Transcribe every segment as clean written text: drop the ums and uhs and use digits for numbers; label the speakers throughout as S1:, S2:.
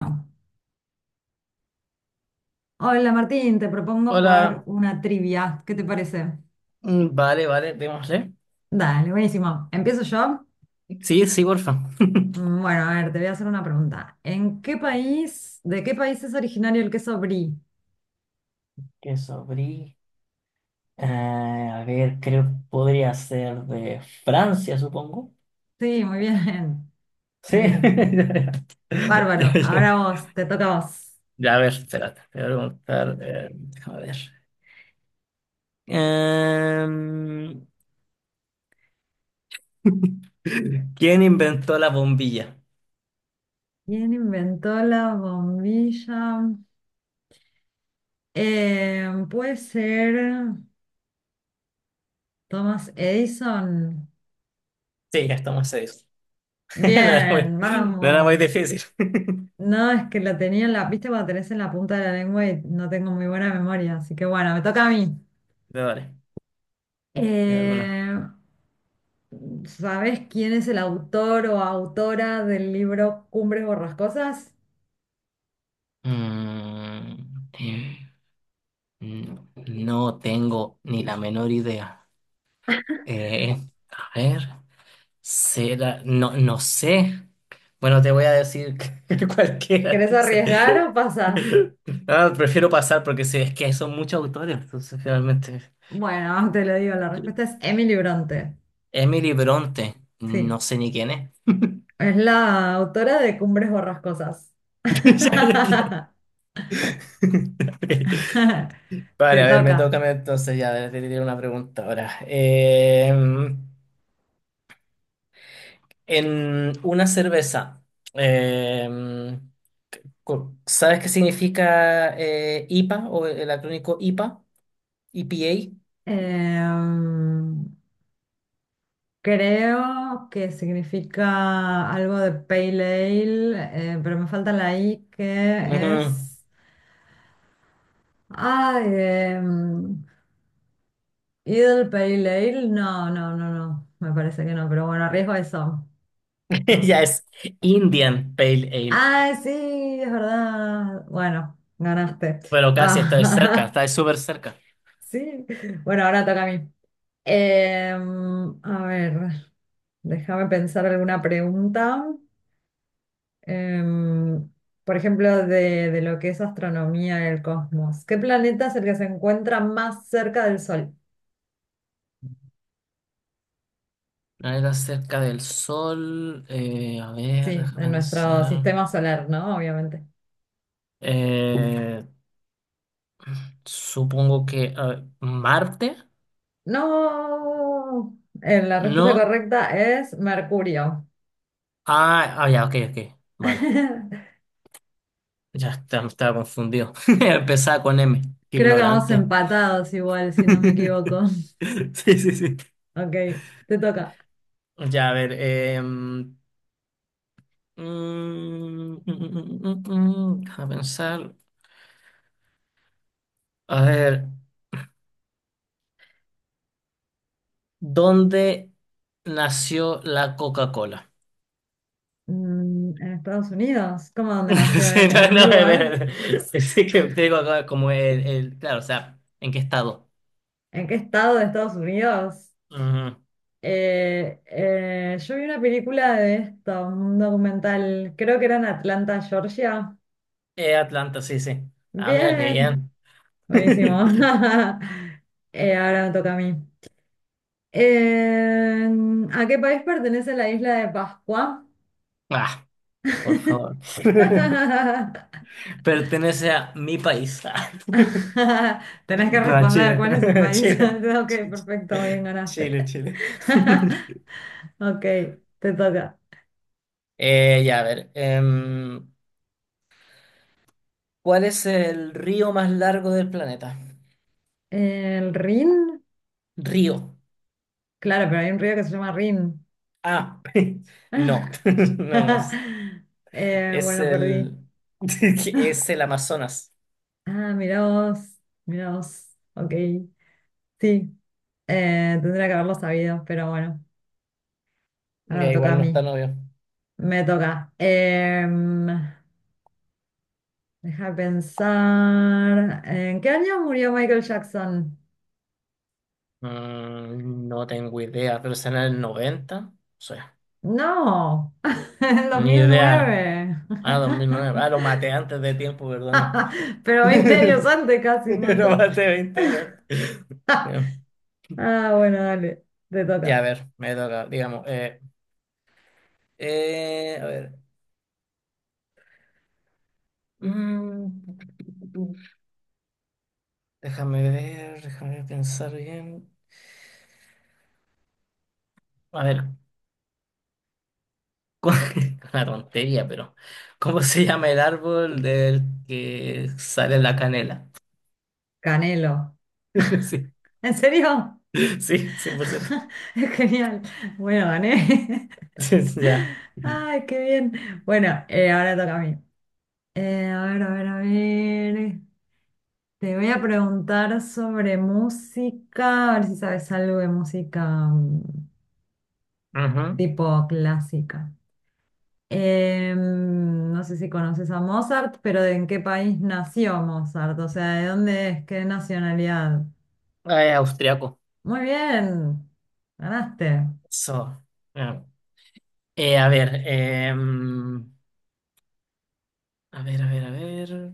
S1: No. Hola Martín, te propongo jugar
S2: Hola.
S1: una trivia. ¿Qué te parece?
S2: Vale, vale, démosle.
S1: Dale, buenísimo. ¿Empiezo yo?
S2: Sí, sí, porfa.
S1: Bueno, a ver, te voy a hacer una pregunta. ¿En qué país, de qué país es originario el queso brie?
S2: Queso brie. A ver, creo que podría ser de Francia, supongo.
S1: Sí, muy bien, muy
S2: Sí.
S1: bien.
S2: Ya,
S1: Bárbaro,
S2: ya.
S1: ahora vos, te toca a vos.
S2: Ya, a ver, espérate, te voy a preguntar. Déjame ver. Em, ¿Quién inventó la bombilla?
S1: ¿Quién inventó la bombilla? Puede ser Thomas Edison.
S2: Sí, ya estamos serios. No era muy,
S1: Bien,
S2: no era muy
S1: vamos.
S2: difícil.
S1: No, es que la tenía en la, viste, cuando tenés en la punta de la lengua y no tengo muy buena memoria, así que bueno, me toca a mí.
S2: Vale, te hago una.
S1: Eh, ¿Sabés quién es el autor o autora del libro Cumbres Borrascosas?
S2: Mm. No, no tengo ni la menor idea. Eh, a ver, será, no, no sé. Bueno, te voy a decir que cualquiera.
S1: ¿Querés arriesgar
S2: Sí.
S1: o pasás?
S2: Ah, prefiero pasar porque sé es que son muchos autores, entonces realmente.
S1: Bueno, te lo digo, la respuesta es Emily Bronte.
S2: Emily Bronte,
S1: Sí,
S2: no sé ni quién es.
S1: es la autora de Cumbres Borrascosas.
S2: Ya, ya, ya. Vale,
S1: Te
S2: a ver, me
S1: toca.
S2: toca a mí entonces ya te diré una pregunta ahora. En una cerveza. eh, ¿Sabes qué significa IPA o el acrónico IPA? EPA.
S1: Em, Creo que significa algo de pale ale, pero me falta la I que
S2: Ujú.
S1: es... Ay, Idle Pale Ale. No. Me parece que no, pero bueno, arriesgo eso. No.
S2: Ya es Indian Pale Ale.
S1: Ay, sí, es verdad. Bueno, ganaste.
S2: Pero casi estáis cerca,
S1: Ah,
S2: estáis súper cerca.
S1: sí. Bueno, ahora toca a mí. A ver, déjame pensar alguna pregunta. Em, por ejemplo, de lo que es astronomía del cosmos. ¿Qué planeta es el que se encuentra más cerca del Sol?
S2: Planeta cerca del Sol. A ver,
S1: Sí,
S2: déjame
S1: en nuestro
S2: pensar.
S1: sistema solar, ¿no? Obviamente.
S2: Eh, Supongo que Marte,
S1: No, la respuesta
S2: ¿no?
S1: correcta es Mercurio.
S2: Ah, ah, ya, ok, ok. Vale. Ya estaba confundido. Empezaba con M. Qué
S1: Creo que vamos
S2: ignorante.
S1: empatados igual, si no me equivoco.
S2: Sí, sí, sí.
S1: Ok, te toca.
S2: Ya, a ver. Déjame pensar. A ver, ¿dónde nació la Coca-Cola?
S1: Mm, en Estados Unidos, ¿cómo donde nació?
S2: Sí,
S1: ¿En,
S2: no,
S1: en
S2: no,
S1: un
S2: a ver,
S1: lugar?
S2: a ver. Sí que te digo acá como claro, o sea, ¿en qué estado?
S1: ¿En qué estado de Estados Unidos?
S2: Ujú.
S1: Yo vi una película de esto, un documental, creo que era en Atlanta, Georgia.
S2: Atlanta, sí, sí. Ah, mira qué
S1: Bien,
S2: bien.
S1: buenísimo. Ahora me toca a mí. Eh, ¿A qué país pertenece la isla de Pascua?
S2: Ah, por favor. Pertenece a mi país. Ah,
S1: Tenés que
S2: no, a
S1: responder cuál es el
S2: Chile.
S1: país.
S2: Chile.
S1: Ok, perfecto, bien ganaste.
S2: Chile, Chile.
S1: Ok, te toca.
S2: Ya, a ver. ¿Cuál es el río más largo del planeta?
S1: ¿El Rin?
S2: Río.
S1: Claro, pero hay un río que se llama Rin.
S2: Ah, no. No, no es. Es
S1: Bueno,
S2: el.
S1: perdí.
S2: Es el Amazonas.
S1: Ah, mirá vos, mirá vos. Ok, sí, tendría que haberlo sabido, pero bueno, ahora me
S2: Ya,
S1: toca a
S2: igual no
S1: mí.
S2: está novio.
S1: Me toca. Deja de pensar. ¿En qué año murió Michael Jackson?
S2: No tengo idea, pero será en el 90. O sea,
S1: No, en dos
S2: ni
S1: mil
S2: idea.
S1: nueve.
S2: Ah, 2009. Ah, lo maté antes de tiempo, perdona.
S1: Pero 20 años antes casi, un
S2: Lo
S1: montón.
S2: maté 20 años antes.
S1: Ah, bueno, dale, te
S2: Ya, a
S1: toca.
S2: ver, me toca, digamos. A ver. Mm, Déjame ver, déjame pensar bien. A ver, una tontería, pero ¿cómo se llama el árbol del que sale la canela?
S1: Canelo.
S2: Sí,
S1: ¿En serio?
S2: sí, 100%.
S1: Genial. Bueno, gané.
S2: Sí, sí, ya. Ujú.
S1: Ay, qué bien. Bueno, ahora toca a mí. A ver. Te voy a preguntar sobre música, a ver si sabes algo de música tipo clásica. No sé si conoces a Mozart, pero ¿de en qué país nació Mozart? O sea, ¿de dónde es? ¿Qué nacionalidad?
S2: Ah, es austriaco.
S1: Muy bien, ganaste.
S2: Eso. Ya. A ver, a ver, a ver, a ver.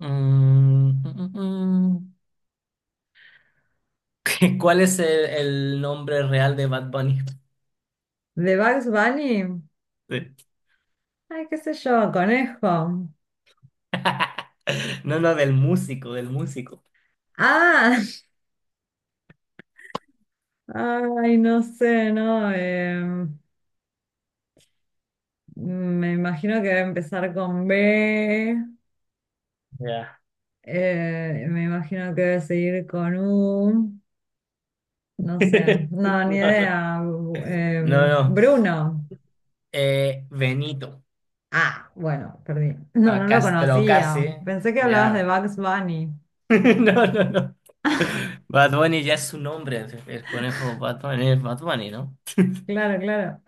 S2: Mm, mm, mm, mm. ¿Cuál es el nombre real de Bad Bunny?
S1: ¿De Bugs Bunny?
S2: Sí.
S1: Ay, qué sé yo, conejo.
S2: No, no, del músico, del músico.
S1: Ah, ay, no sé, ¿no? Me imagino que va a empezar con B.
S2: Ya.
S1: Me imagino que debe seguir con U. No sé, no, ni
S2: No, no.
S1: idea.
S2: No, no.
S1: Bruno.
S2: Benito.
S1: Ah, bueno, perdí. No, no
S2: A
S1: lo
S2: Castro
S1: conocía.
S2: Casi.
S1: Pensé que hablabas de
S2: Ya.
S1: Bugs Bunny.
S2: No, no, no. Bad Bunny ya es su nombre. El conejo Bad Bunny es Bad Bunny, ¿no?
S1: Claro, claro.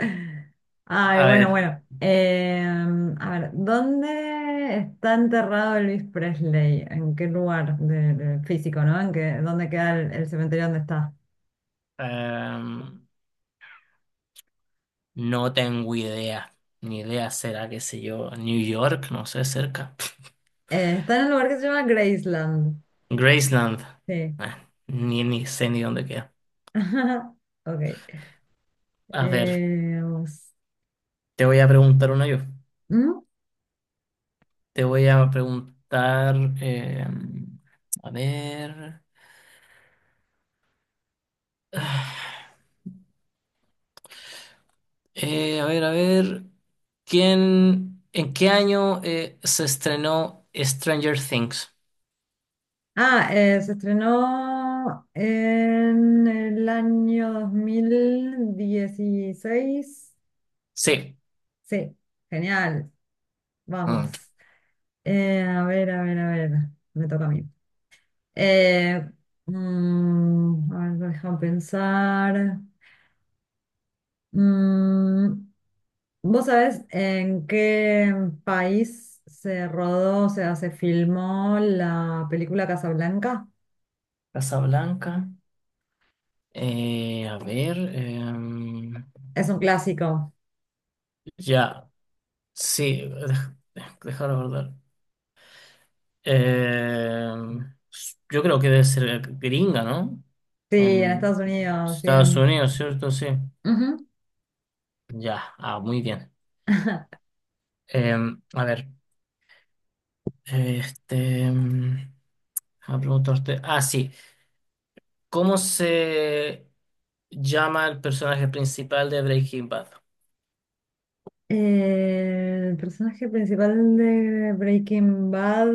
S1: Ay,
S2: A
S1: bueno,
S2: ver.
S1: bueno. A ver, ¿dónde está enterrado Elvis Presley? ¿En qué lugar de físico, no? ¿En qué, dónde queda el cementerio donde está?
S2: em, no tengo idea. Ni idea será, qué sé yo. New York, no sé, cerca.
S1: Está en un lugar que se llama Graceland.
S2: Graceland.
S1: Sí.
S2: Ah, ni sé ni dónde queda.
S1: Ok.
S2: A ver,
S1: Vamos.
S2: te voy a preguntar una yo.
S1: ¿Mm?
S2: Te voy a preguntar, a ver, ah, a ver, a ver, ¿en qué año se estrenó Stranger Things?
S1: Ah, se estrenó en el año 2016.
S2: Sí.
S1: Sí, genial. Vamos.
S2: Mm.
S1: A ver. Me toca a mí. Eh, a ver, deja pensar. Mm, ¿Vos sabés en qué país se rodó, o sea, se filmó la película Casablanca?
S2: Casablanca. A ver,
S1: Es un clásico.
S2: ya, sí, dejar abordar. Em, yo creo que debe ser gringa, ¿no?
S1: Sí, en Estados
S2: En
S1: Unidos,
S2: Estados
S1: bien.
S2: Unidos, ¿cierto? Sí.
S1: Ujú.
S2: Ya, ah, muy bien. A ver, este, em, a preguntarte, ah, sí, ¿cómo se llama el personaje principal de Breaking Bad?
S1: El personaje principal de Breaking Bad.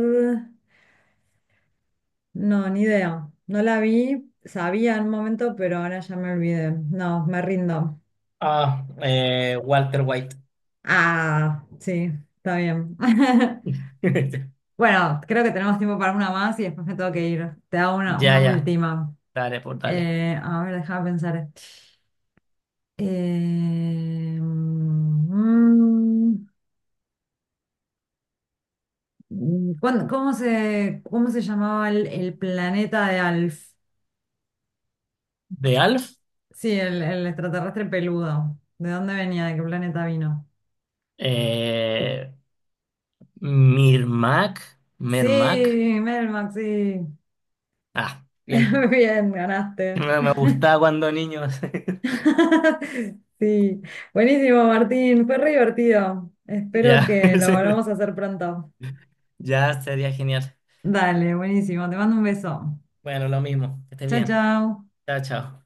S1: No, ni idea. No la vi, sabía en un momento, pero ahora ya me olvidé. No, me rindo.
S2: Ah, Walter White.
S1: Ah, sí, está bien. Bueno, creo que tenemos tiempo para una más y después me tengo que ir. Te hago una,
S2: Ya,
S1: una
S2: ya,
S1: última.
S2: dale, por dale.
S1: A ver, déjame pensar. Eh, mm, cómo se llamaba el planeta de Alf?
S2: ¿De Alf?
S1: Sí, el extraterrestre peludo. ¿De dónde venía? ¿De qué planeta vino?
S2: Eh, Mirmac, Mermac.
S1: Sí, Melmac, sí.
S2: Ah,
S1: Muy
S2: bien.
S1: bien, ganaste.
S2: No me gustaba cuando niño.
S1: Sí, buenísimo, Martín. Fue re divertido. Espero
S2: Ya,
S1: que lo volvamos a hacer pronto.
S2: ya sería genial.
S1: Dale, buenísimo. Te mando un beso.
S2: Bueno, lo mismo, que estés
S1: Chao,
S2: bien.
S1: chao.
S2: Chao, chao.